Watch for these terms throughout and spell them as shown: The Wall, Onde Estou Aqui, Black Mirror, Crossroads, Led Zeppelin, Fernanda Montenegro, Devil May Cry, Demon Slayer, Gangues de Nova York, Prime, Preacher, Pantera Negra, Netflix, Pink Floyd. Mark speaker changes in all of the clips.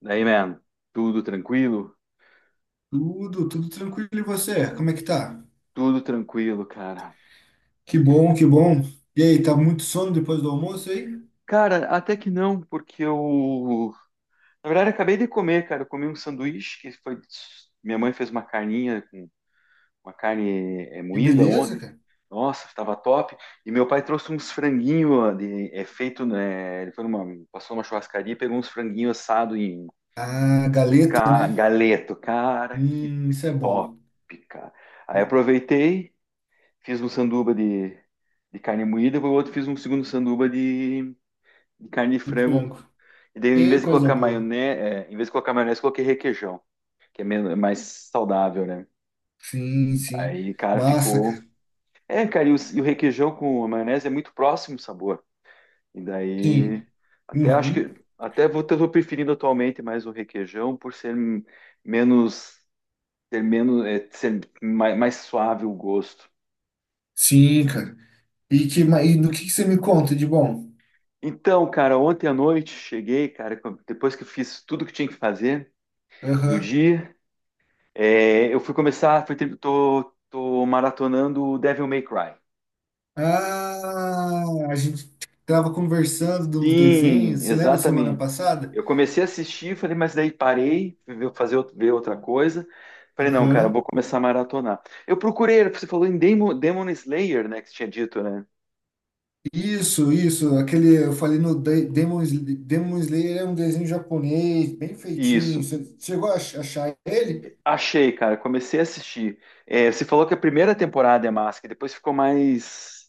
Speaker 1: Daí, man, tudo tranquilo?
Speaker 2: Tudo tranquilo. E você? Como é que tá?
Speaker 1: Tudo tranquilo, cara.
Speaker 2: Que bom, que bom. E aí, tá muito sono depois do almoço aí?
Speaker 1: Cara, até que não, porque eu. Na verdade, eu acabei de comer, cara. Eu comi um sanduíche que foi. Minha mãe fez uma carninha com uma carne
Speaker 2: Que
Speaker 1: moída
Speaker 2: beleza,
Speaker 1: ontem.
Speaker 2: cara.
Speaker 1: Nossa, estava top. E meu pai trouxe uns franguinhos de, é feito, né? Ele foi numa. Passou numa churrascaria e pegou uns franguinhos assados em
Speaker 2: Ah, galeto, né?
Speaker 1: galeto. Cara, que
Speaker 2: Isso é
Speaker 1: top,
Speaker 2: bom.
Speaker 1: cara.
Speaker 2: E,
Speaker 1: Aí aproveitei. Fiz um sanduba de carne moída, o outro fiz um segundo sanduba de carne de
Speaker 2: e
Speaker 1: frango.
Speaker 2: frango.
Speaker 1: E daí, em
Speaker 2: E
Speaker 1: vez de
Speaker 2: coisa
Speaker 1: colocar
Speaker 2: boa.
Speaker 1: maionese, coloquei requeijão, que é menos, é mais saudável, né?
Speaker 2: Sim, sim.
Speaker 1: Aí, cara,
Speaker 2: Massa,
Speaker 1: ficou.
Speaker 2: cara.
Speaker 1: É, cara, e o requeijão com a maionese é muito próximo o sabor. E daí,
Speaker 2: Sim.
Speaker 1: até acho
Speaker 2: Uhum.
Speaker 1: que. Até vou, tô preferindo atualmente mais o requeijão por ser menos. Ter menos, ser mais suave o gosto.
Speaker 2: Sim, cara. E do que você me conta de bom?
Speaker 1: Então, cara, ontem à noite cheguei, cara, depois que eu fiz tudo que tinha que fazer do
Speaker 2: Aham.
Speaker 1: dia, eu fui começar, tô maratonando o Devil May Cry.
Speaker 2: Ah, a gente tava conversando de uns desenhos.
Speaker 1: Sim,
Speaker 2: Você lembra semana
Speaker 1: exatamente.
Speaker 2: passada?
Speaker 1: Eu comecei a assistir, falei, mas daí parei, fazer, ver outra coisa. Falei, não, cara, eu vou
Speaker 2: Aham.
Speaker 1: começar a maratonar. Eu procurei, você falou em Demon Slayer, né, que você tinha dito, né?
Speaker 2: Isso, aquele, eu falei no Demon, Demon Slayer é um desenho japonês, bem feitinho.
Speaker 1: Isso.
Speaker 2: Você chegou a achar ele?
Speaker 1: Achei, cara, comecei a assistir. É, você falou que a primeira temporada é massa, que depois ficou mais,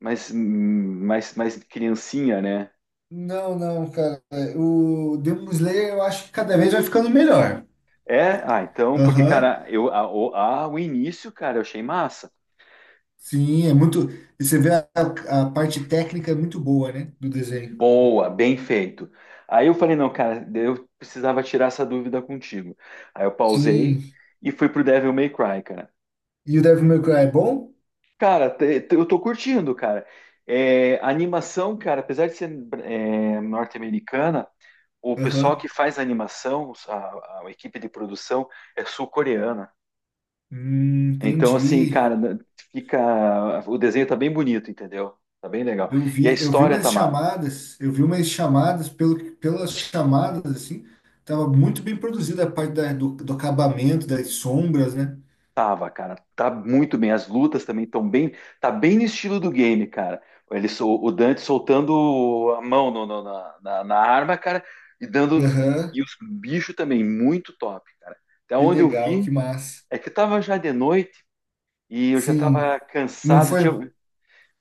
Speaker 1: mais, hum, mais, mais criancinha, né?
Speaker 2: Não, não, cara. O Demon Slayer eu acho que cada vez vai ficando melhor.
Speaker 1: É, ah, então, porque,
Speaker 2: Aham.
Speaker 1: cara, eu, a- o início, cara, eu achei massa.
Speaker 2: Sim, é muito. E você vê a parte técnica é muito boa, né? Do desenho.
Speaker 1: Boa, bem feito. Aí eu falei, não, cara, eu precisava tirar essa dúvida contigo. Aí eu pausei
Speaker 2: Sim.
Speaker 1: e fui pro Devil May Cry, cara.
Speaker 2: E o Devil May Cry é bom?
Speaker 1: Cara, eu tô curtindo, cara. É, a animação, cara, apesar de ser norte-americana, o pessoal
Speaker 2: Aham.
Speaker 1: que faz a animação, a equipe de produção, é sul-coreana. Então, assim, cara,
Speaker 2: Entendi.
Speaker 1: fica. O desenho tá bem bonito, entendeu? Tá bem legal.
Speaker 2: Eu
Speaker 1: E a
Speaker 2: vi, eu vi
Speaker 1: história
Speaker 2: umas
Speaker 1: tá massa.
Speaker 2: chamadas, eu vi umas chamadas, pelo, pelas chamadas, assim, tava muito bem produzida a parte do acabamento, das sombras, né?
Speaker 1: Tava, cara, tá muito bem. As lutas também estão bem, tá bem no estilo do game, cara. Ele, o Dante soltando a mão na arma, cara, e dando.
Speaker 2: Aham,
Speaker 1: E os bichos também, muito top, cara. Até
Speaker 2: que
Speaker 1: onde eu
Speaker 2: legal,
Speaker 1: vi,
Speaker 2: que massa.
Speaker 1: é que tava já de noite e eu já
Speaker 2: Sim,
Speaker 1: tava
Speaker 2: não
Speaker 1: cansado. Tinha,
Speaker 2: foi,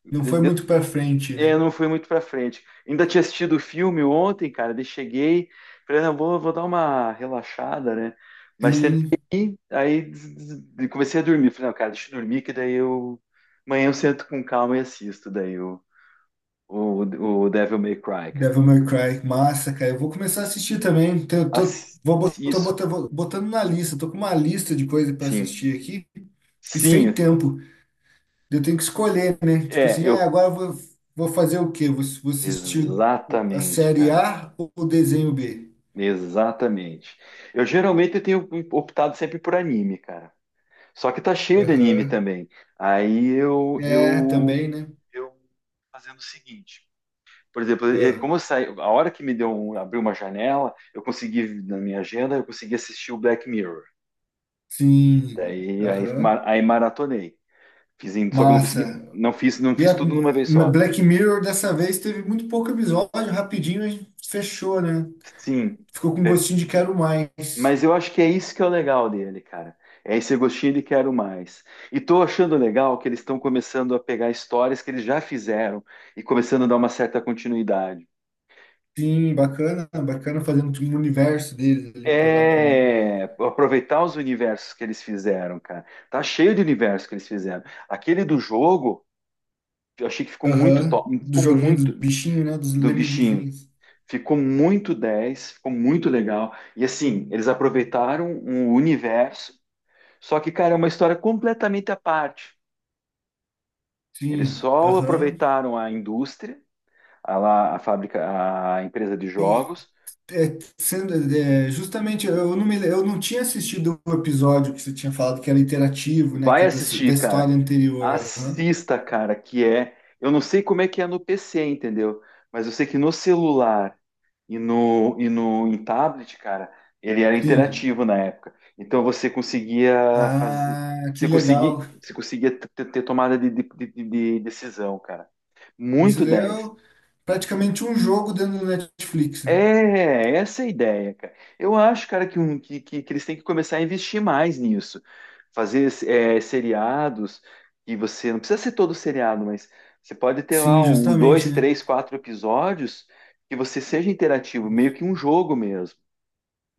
Speaker 2: não foi muito pra frente, né?
Speaker 1: não fui muito pra frente. Ainda tinha assistido o filme ontem, cara, daí cheguei, falei, não, vou dar uma relaxada, né? Mas
Speaker 2: Sim,
Speaker 1: sentei, aí comecei a dormir. Falei, não, cara, deixa eu dormir, que daí eu. Amanhã eu sento com calma e assisto daí o, o Devil May Cry, cara.
Speaker 2: Devil May Cry, massa, cara. Eu vou começar a assistir também. Então eu tô,
Speaker 1: Ass-
Speaker 2: vou, bot- tô
Speaker 1: Isso,
Speaker 2: botando, vou botando na lista, tô com uma lista de coisas pra
Speaker 1: sim.
Speaker 2: assistir aqui e sem
Speaker 1: Sim,
Speaker 2: tempo. Eu tenho que escolher, né? Tipo
Speaker 1: é,
Speaker 2: assim, ah,
Speaker 1: eu.
Speaker 2: agora eu vou fazer o quê? Vou assistir a
Speaker 1: Exatamente,
Speaker 2: série
Speaker 1: cara.
Speaker 2: A ou o desenho B?
Speaker 1: Exatamente. Eu geralmente eu tenho optado sempre por anime, cara. Só que tá cheio de anime
Speaker 2: Aham.
Speaker 1: também. Aí
Speaker 2: É, também, né?
Speaker 1: eu fazendo o seguinte. Por exemplo,
Speaker 2: Ah,
Speaker 1: como eu saí, a hora que me deu um, abriu uma janela, eu consegui na minha agenda, eu consegui assistir o Black Mirror.
Speaker 2: sim.
Speaker 1: Daí aí,
Speaker 2: Aham.
Speaker 1: aí maratonei. Fiz, só que eu não
Speaker 2: Massa.
Speaker 1: consegui, não
Speaker 2: E a
Speaker 1: fiz tudo numa vez só.
Speaker 2: Black Mirror dessa vez teve muito pouco episódio, rapidinho a gente fechou, né?
Speaker 1: Sim.
Speaker 2: Ficou com gostinho de quero mais.
Speaker 1: Mas eu acho que é isso que é o legal dele, cara. É esse gostinho de quero mais. E tô achando legal que eles estão começando a pegar histórias que eles já fizeram e começando a dar uma certa continuidade.
Speaker 2: Sim, bacana, bacana fazendo tipo um universo deles ali próprio, né?
Speaker 1: É aproveitar os universos que eles fizeram, cara. Tá cheio de universos que eles fizeram. Aquele do jogo, eu achei que ficou muito
Speaker 2: Aham.
Speaker 1: top,
Speaker 2: Do
Speaker 1: ficou
Speaker 2: joguinho dos
Speaker 1: muito
Speaker 2: bichinhos, né? Dos
Speaker 1: do bichinho.
Speaker 2: lemeguizinhos.
Speaker 1: Ficou muito 10, ficou muito legal. E assim, eles aproveitaram um universo, só que, cara, é uma história completamente à parte. Eles
Speaker 2: Sim,
Speaker 1: só
Speaker 2: aham.
Speaker 1: aproveitaram a indústria, a fábrica, a empresa de
Speaker 2: E
Speaker 1: jogos.
Speaker 2: é, sendo, é, justamente eu não me, eu não tinha assistido o episódio que você tinha falado que era interativo, né? Que
Speaker 1: Vai
Speaker 2: é da
Speaker 1: assistir, cara.
Speaker 2: história anterior. Aham.
Speaker 1: Assista, cara, que é. Eu não sei como é que é no PC, entendeu? Mas eu sei que no celular e no em tablet, cara, ele era
Speaker 2: Sim.
Speaker 1: interativo na época. Então você conseguia fazer.
Speaker 2: Ah, que legal.
Speaker 1: Você conseguia ter tomada de decisão, cara. Muito
Speaker 2: Isso é
Speaker 1: 10.
Speaker 2: o- Praticamente um jogo dentro do Netflix, né?
Speaker 1: É, essa é a ideia, cara. Eu acho, cara, que eles têm que começar a investir mais nisso. Fazer seriados e você não precisa ser todo seriado, mas você pode ter lá
Speaker 2: Sim,
Speaker 1: um,
Speaker 2: justamente,
Speaker 1: dois,
Speaker 2: né?
Speaker 1: três, quatro episódios que você seja interativo, meio que um jogo mesmo.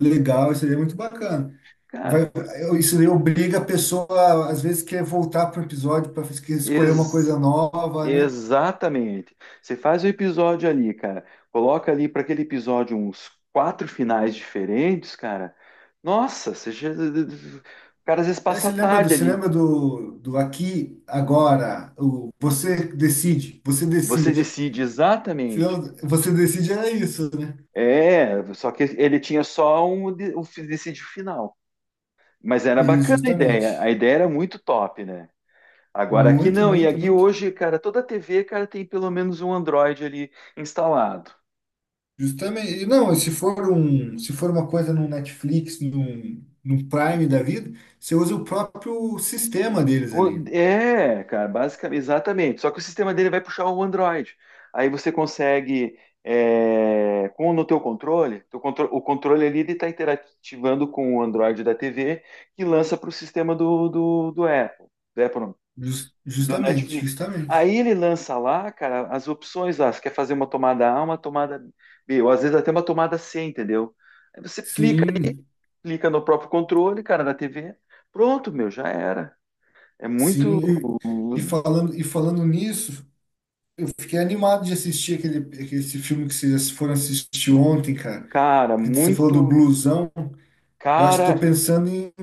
Speaker 2: Legal, isso aí é muito bacana.
Speaker 1: Cara,
Speaker 2: Vai, isso aí obriga a pessoa, às vezes, quer voltar para o episódio para escolher uma coisa nova, né?
Speaker 1: Exatamente. Você faz o episódio ali, cara. Coloca ali para aquele episódio uns quatro finais diferentes, cara. Nossa, você já. O cara às vezes
Speaker 2: Eh,
Speaker 1: passa a
Speaker 2: você lembra do,
Speaker 1: tarde ali.
Speaker 2: do aqui, agora, o você decide, você
Speaker 1: Você
Speaker 2: decide.
Speaker 1: decide exatamente.
Speaker 2: Você decide era isso, né?
Speaker 1: É, só que ele tinha só um, decide o final. Mas era
Speaker 2: Isso,
Speaker 1: bacana a ideia. A
Speaker 2: justamente.
Speaker 1: ideia era muito top, né? Agora aqui
Speaker 2: Muito,
Speaker 1: não. E
Speaker 2: muito,
Speaker 1: aqui
Speaker 2: muito.
Speaker 1: hoje, cara, toda TV, cara, tem pelo menos um Android ali instalado.
Speaker 2: Justamente. E não, se for um, se for uma coisa no Netflix, num Prime da vida, você usa o próprio sistema deles ali.
Speaker 1: É, cara, basicamente, exatamente. Só que o sistema dele vai puxar o Android. Aí você consegue, com no teu controle, o controle ali ele está interativando com o Android da TV que lança para o sistema do Apple não, do
Speaker 2: Justamente,
Speaker 1: Netflix.
Speaker 2: justamente.
Speaker 1: Aí ele lança lá, cara, as opções lá. Você quer fazer uma tomada A, uma tomada B, ou às vezes até uma tomada C, entendeu? Aí você
Speaker 2: Sim,
Speaker 1: clica no próprio controle, cara, da TV. Pronto, meu, já era. É muito.
Speaker 2: sim. E falando nisso. Eu fiquei animado de assistir esse filme que vocês foram assistir ontem, cara.
Speaker 1: Cara,
Speaker 2: Que você falou do
Speaker 1: muito.
Speaker 2: blusão. Eu acho que estou
Speaker 1: Cara,
Speaker 2: pensando em,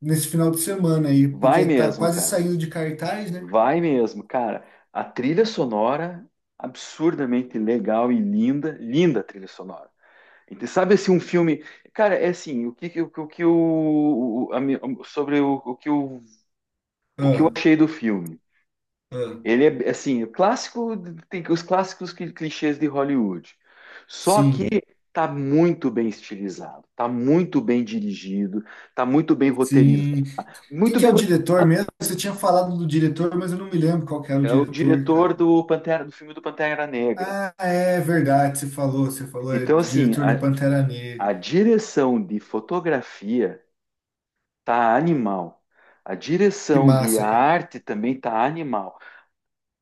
Speaker 2: nesse final de semana aí,
Speaker 1: vai
Speaker 2: porque tá
Speaker 1: mesmo,
Speaker 2: quase
Speaker 1: cara.
Speaker 2: saindo de cartaz, né?
Speaker 1: Vai mesmo, cara. A trilha sonora, absurdamente legal e linda. Linda a trilha sonora. Então, sabe assim, um filme. Cara, é assim, o que, o, que- o que o. a mi- sobre o que eu
Speaker 2: Ah,
Speaker 1: achei do filme.
Speaker 2: ah,
Speaker 1: Ele é assim, o clássico, tem os clássicos clichês de Hollywood. Só que
Speaker 2: sim,
Speaker 1: tá muito bem estilizado, tá muito bem dirigido, tá muito bem roteirizado.
Speaker 2: sim. Quem
Speaker 1: Muito
Speaker 2: que é
Speaker 1: bem
Speaker 2: o diretor mesmo? Você tinha falado do diretor, mas eu não me lembro qual que era o
Speaker 1: é o
Speaker 2: diretor,
Speaker 1: diretor
Speaker 2: cara.
Speaker 1: do Pantera, do filme do Pantera Negra.
Speaker 2: Ah, é verdade, é
Speaker 1: Então, assim,
Speaker 2: diretor do Pantera Negra.
Speaker 1: a direção de fotografia tá animal. A
Speaker 2: Que
Speaker 1: direção de
Speaker 2: massa, cara.
Speaker 1: arte também tá animal.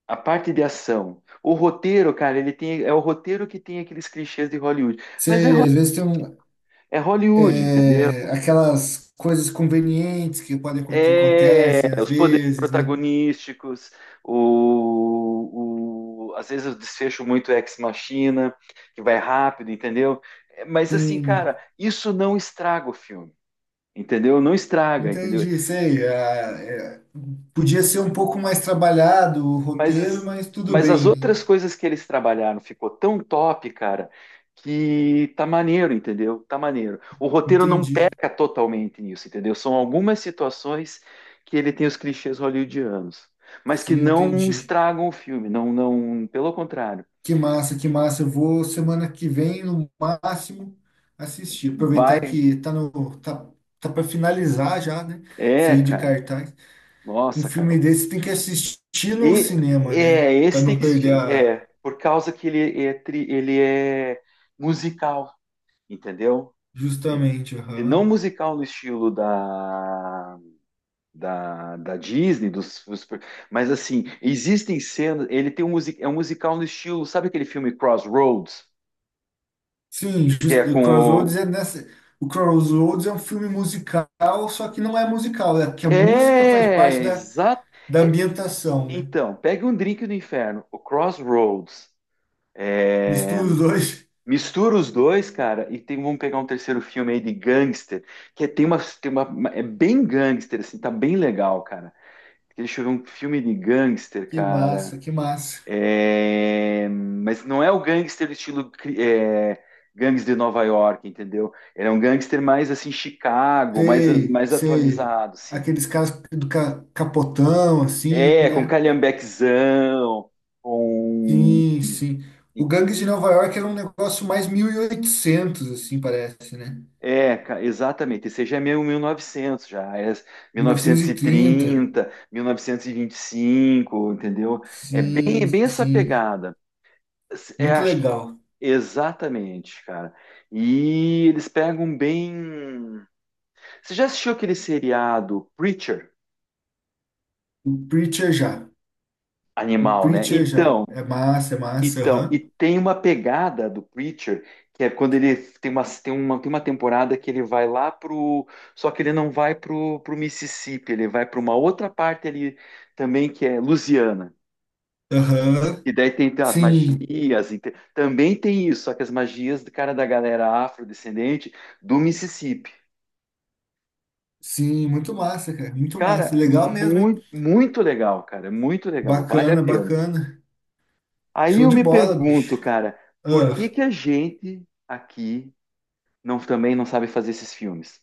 Speaker 1: A parte de ação. O roteiro, cara, ele tem, é o roteiro que tem aqueles clichês de Hollywood. Mas é,
Speaker 2: Você, às vezes tem um,
Speaker 1: É Hollywood, entendeu?
Speaker 2: é, aquelas coisas convenientes que podem que
Speaker 1: É,
Speaker 2: acontecem às
Speaker 1: os poderes
Speaker 2: vezes, né?
Speaker 1: protagonísticos, às vezes o desfecho muito ex-machina, que vai rápido, entendeu? É, mas assim, cara,
Speaker 2: Sim,
Speaker 1: isso não estraga o filme, entendeu? Não estraga, entendeu?
Speaker 2: entendi, sei. Ah, é, podia ser um pouco mais trabalhado o
Speaker 1: Mas
Speaker 2: roteiro,
Speaker 1: as,
Speaker 2: mas tudo
Speaker 1: mas as
Speaker 2: bem, né?
Speaker 1: outras coisas que eles trabalharam ficou tão top, cara, que tá maneiro, entendeu? Tá maneiro. O roteiro não
Speaker 2: Entendi.
Speaker 1: peca totalmente nisso, entendeu? São algumas situações que ele tem os clichês hollywoodianos, mas que
Speaker 2: Sim,
Speaker 1: não
Speaker 2: entendi.
Speaker 1: estragam o filme, não, não, pelo contrário.
Speaker 2: Que massa, que massa. Eu vou semana que vem, no máximo, assistir.
Speaker 1: Vai,
Speaker 2: Aproveitar que tá no tá, tá para finalizar já, né?
Speaker 1: é,
Speaker 2: Sair de
Speaker 1: cara.
Speaker 2: cartaz. Um
Speaker 1: Nossa, cara.
Speaker 2: filme desse tem que assistir no
Speaker 1: E
Speaker 2: cinema, né?
Speaker 1: é,
Speaker 2: Para
Speaker 1: esse tem
Speaker 2: não
Speaker 1: que
Speaker 2: perder
Speaker 1: assistir,
Speaker 2: a.
Speaker 1: por causa que ele é musical, entendeu?
Speaker 2: Justamente,
Speaker 1: Não
Speaker 2: aham.
Speaker 1: musical no estilo da, da Disney, mas assim, existem cenas. Ele tem é um musical no estilo, sabe aquele filme Crossroads?
Speaker 2: Sim,
Speaker 1: Que é
Speaker 2: just, o
Speaker 1: com
Speaker 2: Crossroads
Speaker 1: o.
Speaker 2: é nessa. O Crossroads é um filme musical, só que não é musical, é que a música faz parte
Speaker 1: É, exato.
Speaker 2: da
Speaker 1: É,
Speaker 2: ambientação, né?
Speaker 1: então, pegue um drink do inferno, o Crossroads. É,
Speaker 2: Mistura os dois.
Speaker 1: mistura os dois, cara, e tem, vamos pegar um terceiro filme aí de gangster, que é, é bem gangster, assim, tá bem legal, cara. Deixa eu ver um filme de gangster,
Speaker 2: Que
Speaker 1: cara.
Speaker 2: massa, que massa.
Speaker 1: É, mas não é o gangster estilo gangster de Nova York, entendeu? Ele é um gangster mais assim Chicago,
Speaker 2: Sei,
Speaker 1: mais
Speaker 2: sei.
Speaker 1: atualizado, assim.
Speaker 2: Aqueles caras do capotão, assim,
Speaker 1: É, com
Speaker 2: né?
Speaker 1: calhambequezão, com
Speaker 2: Sim, sim. O Gangues de Nova York era um negócio mais 1800 assim, parece, né?
Speaker 1: exatamente. Esse já é meio 1900 já, é
Speaker 2: 1930.
Speaker 1: 1930, 1925, entendeu? É
Speaker 2: Sim,
Speaker 1: bem essa
Speaker 2: sim.
Speaker 1: pegada. É,
Speaker 2: Muito legal.
Speaker 1: exatamente, cara. E eles pegam bem. Você já assistiu aquele seriado Preacher?
Speaker 2: O Preacher já. O
Speaker 1: Animal, né?
Speaker 2: Preacher já. É massa, é massa.
Speaker 1: Então, e
Speaker 2: Aham.
Speaker 1: tem uma pegada do Preacher que é quando ele tem tem uma temporada que ele vai lá pro. Só que ele não vai pro Mississippi, ele vai para uma outra parte ali também que é Louisiana.
Speaker 2: Aham.
Speaker 1: E daí tem as
Speaker 2: Sim,
Speaker 1: magias, e também tem isso, só que as magias do cara da galera afrodescendente do Mississippi.
Speaker 2: sim. Muito massa, cara. Muito massa.
Speaker 1: Cara,
Speaker 2: Legal mesmo, hein?
Speaker 1: muito, muito legal, cara, muito legal, vale a
Speaker 2: Bacana,
Speaker 1: pena.
Speaker 2: bacana.
Speaker 1: Aí
Speaker 2: Show
Speaker 1: eu
Speaker 2: de
Speaker 1: me
Speaker 2: bola,
Speaker 1: pergunto,
Speaker 2: bicho.
Speaker 1: cara, por
Speaker 2: Ah,
Speaker 1: que que a gente aqui não também não sabe fazer esses filmes?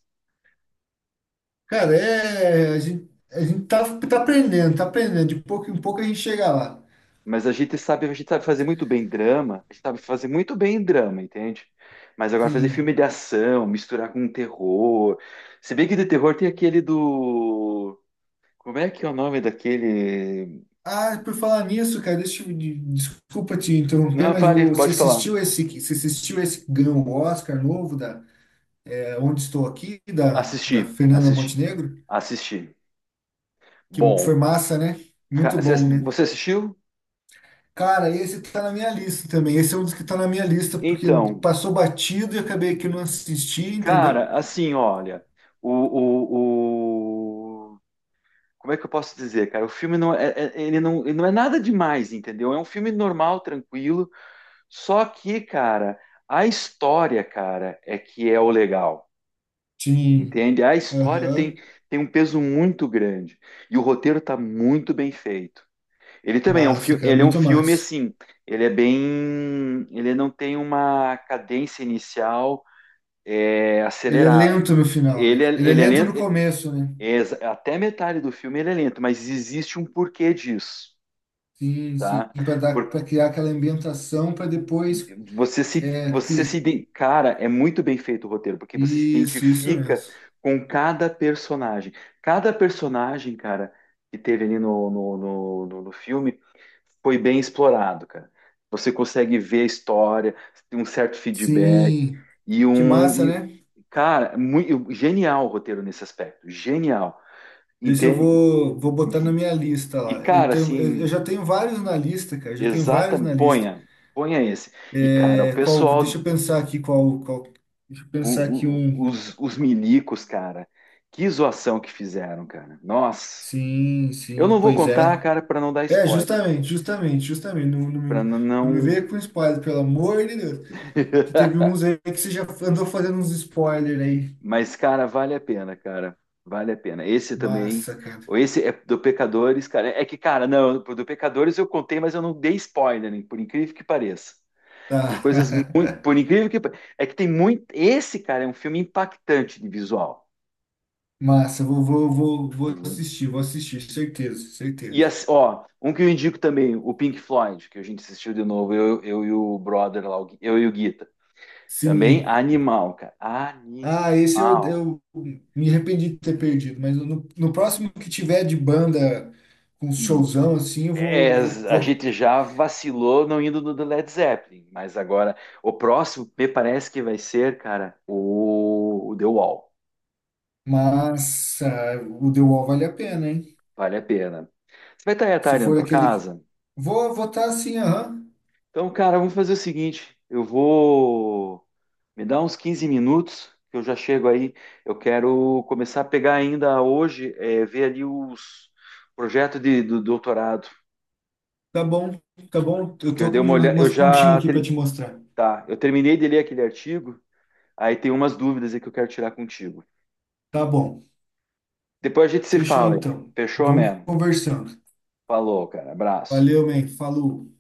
Speaker 2: cara, é. A gente tá, tá aprendendo, tá aprendendo. De pouco em pouco a gente chega lá.
Speaker 1: Mas a gente sabe fazer muito bem drama, a gente sabe fazer muito bem drama, entende? Mas agora fazer filme
Speaker 2: Sim.
Speaker 1: de ação, misturar com terror. Se bem que de terror tem aquele do. Como é que é o nome daquele?
Speaker 2: Ah, por falar nisso, cara, deixa eu, desculpa te interromper,
Speaker 1: Não,
Speaker 2: mas
Speaker 1: fale, pode falar.
Speaker 2: você assistiu esse que ganhou o Oscar novo da é, Onde Estou Aqui, da
Speaker 1: Assisti,
Speaker 2: Fernanda
Speaker 1: assisti,
Speaker 2: Montenegro?
Speaker 1: assisti.
Speaker 2: Que
Speaker 1: Bom,
Speaker 2: foi massa, né?
Speaker 1: ca-
Speaker 2: Muito
Speaker 1: você
Speaker 2: bom, né?
Speaker 1: você assistiu?
Speaker 2: Cara, esse tá na minha lista também. Esse é um dos que tá na minha lista, porque
Speaker 1: Então,
Speaker 2: passou batido e acabei que não assisti,
Speaker 1: Cara,
Speaker 2: entendeu?
Speaker 1: assim, olha, o, o, o- como é que eu posso dizer, cara? O filme não é, ele não é nada demais, entendeu? É um filme normal, tranquilo. Só que, cara, a história, cara, é que é o legal,
Speaker 2: Sim.
Speaker 1: entende? A história
Speaker 2: Aham.
Speaker 1: tem um peso muito grande e o roteiro tá muito bem feito. Ele também é um
Speaker 2: Massa,
Speaker 1: filme,
Speaker 2: cara,
Speaker 1: ele é um
Speaker 2: muito
Speaker 1: filme
Speaker 2: massa.
Speaker 1: assim, ele é bem, ele não tem uma cadência inicial
Speaker 2: Ele é
Speaker 1: acelerada.
Speaker 2: lento no final, né? Ele é
Speaker 1: Ele é
Speaker 2: lento
Speaker 1: lento,
Speaker 2: no começo, né?
Speaker 1: É Até metade do filme ele é lento, mas existe um porquê disso,
Speaker 2: Sim, sim,
Speaker 1: tá?
Speaker 2: para dar,
Speaker 1: Por-
Speaker 2: para criar aquela ambientação para depois
Speaker 1: Você se,
Speaker 2: é, cri...
Speaker 1: cara, é muito bem feito o roteiro, porque você se
Speaker 2: Isso mesmo.
Speaker 1: identifica com cada personagem. Cada personagem, cara, que teve ali no filme foi bem explorado, cara. Você consegue ver a história, tem um certo feedback
Speaker 2: Sim,
Speaker 1: e
Speaker 2: que
Speaker 1: um,
Speaker 2: massa,
Speaker 1: e-
Speaker 2: né?
Speaker 1: cara, muito, genial o roteiro nesse aspecto, genial.
Speaker 2: Isso eu
Speaker 1: Entende?
Speaker 2: vou, vou botar na minha lista
Speaker 1: E,
Speaker 2: lá. Eu
Speaker 1: cara,
Speaker 2: tenho, eu, eu
Speaker 1: assim,
Speaker 2: já tenho vários na lista, cara. Já tenho vários na
Speaker 1: exatamente,
Speaker 2: lista.
Speaker 1: ponha esse. E, cara, o
Speaker 2: É, qual, deixa eu
Speaker 1: pessoal,
Speaker 2: pensar aqui qual, qual. Deixa eu pensar aqui um.
Speaker 1: os milicos, cara, que zoação que fizeram, cara. Nossa,
Speaker 2: Sim,
Speaker 1: eu
Speaker 2: sim,
Speaker 1: não vou
Speaker 2: pois
Speaker 1: contar,
Speaker 2: é.
Speaker 1: cara, pra não dar
Speaker 2: É,
Speaker 1: spoiler,
Speaker 2: justamente, justamente, justamente. Não me
Speaker 1: não.
Speaker 2: veio com spoiler, pelo amor de Deus. Que teve uns aí que você já andou fazendo uns spoiler aí.
Speaker 1: Mas, cara, vale a pena, cara, vale a pena. Esse também,
Speaker 2: Massa, cara.
Speaker 1: ou esse é do Pecadores, cara. É que, cara, não, do Pecadores eu contei, mas eu não dei spoiler, hein, por incrível que pareça. Tem
Speaker 2: Tá.
Speaker 1: coisas muito. Por incrível que. É que tem muito. Esse, cara, é um filme impactante de visual.
Speaker 2: Massa, vou
Speaker 1: Uhum.
Speaker 2: assistir, vou assistir, certeza,
Speaker 1: E,
Speaker 2: certeza.
Speaker 1: assim, ó, um que eu indico também, o Pink Floyd, que a gente assistiu de novo, eu e o brother lá, o eu e o Guita. Também
Speaker 2: Sim,
Speaker 1: animal, cara.
Speaker 2: ah, esse eu,
Speaker 1: Animal.
Speaker 2: eu me arrependi de ter perdido, mas no próximo que tiver de banda com showzão assim, eu
Speaker 1: É, a
Speaker 2: vou.
Speaker 1: gente já vacilou não indo no do Led Zeppelin, mas agora o próximo me parece que vai ser, cara, o The Wall.
Speaker 2: Mas ah, o The Wall vale a pena, hein?
Speaker 1: Vale a pena. Você vai estar aí à
Speaker 2: Se
Speaker 1: tarde na
Speaker 2: for
Speaker 1: tua
Speaker 2: aquele. Que.
Speaker 1: casa?
Speaker 2: Vou votar assim, aham.
Speaker 1: Então, cara, vamos fazer o seguinte: eu vou me dar uns 15 minutos, que eu já chego aí. Eu quero começar a pegar ainda hoje, ver ali os projetos do doutorado.
Speaker 2: Tá bom, tá bom. Eu
Speaker 1: Que eu
Speaker 2: tô
Speaker 1: dei
Speaker 2: com
Speaker 1: uma olhada, eu
Speaker 2: umas continhas
Speaker 1: já
Speaker 2: aqui pra te mostrar.
Speaker 1: tá, eu terminei de ler aquele artigo, aí tem umas dúvidas aí que eu quero tirar contigo.
Speaker 2: Tá bom.
Speaker 1: Depois a gente se
Speaker 2: Fechou
Speaker 1: fala aí.
Speaker 2: então.
Speaker 1: Fechou
Speaker 2: Vamos
Speaker 1: mesmo?
Speaker 2: conversando.
Speaker 1: Falou, cara. Abraço.
Speaker 2: Valeu, man. Falou.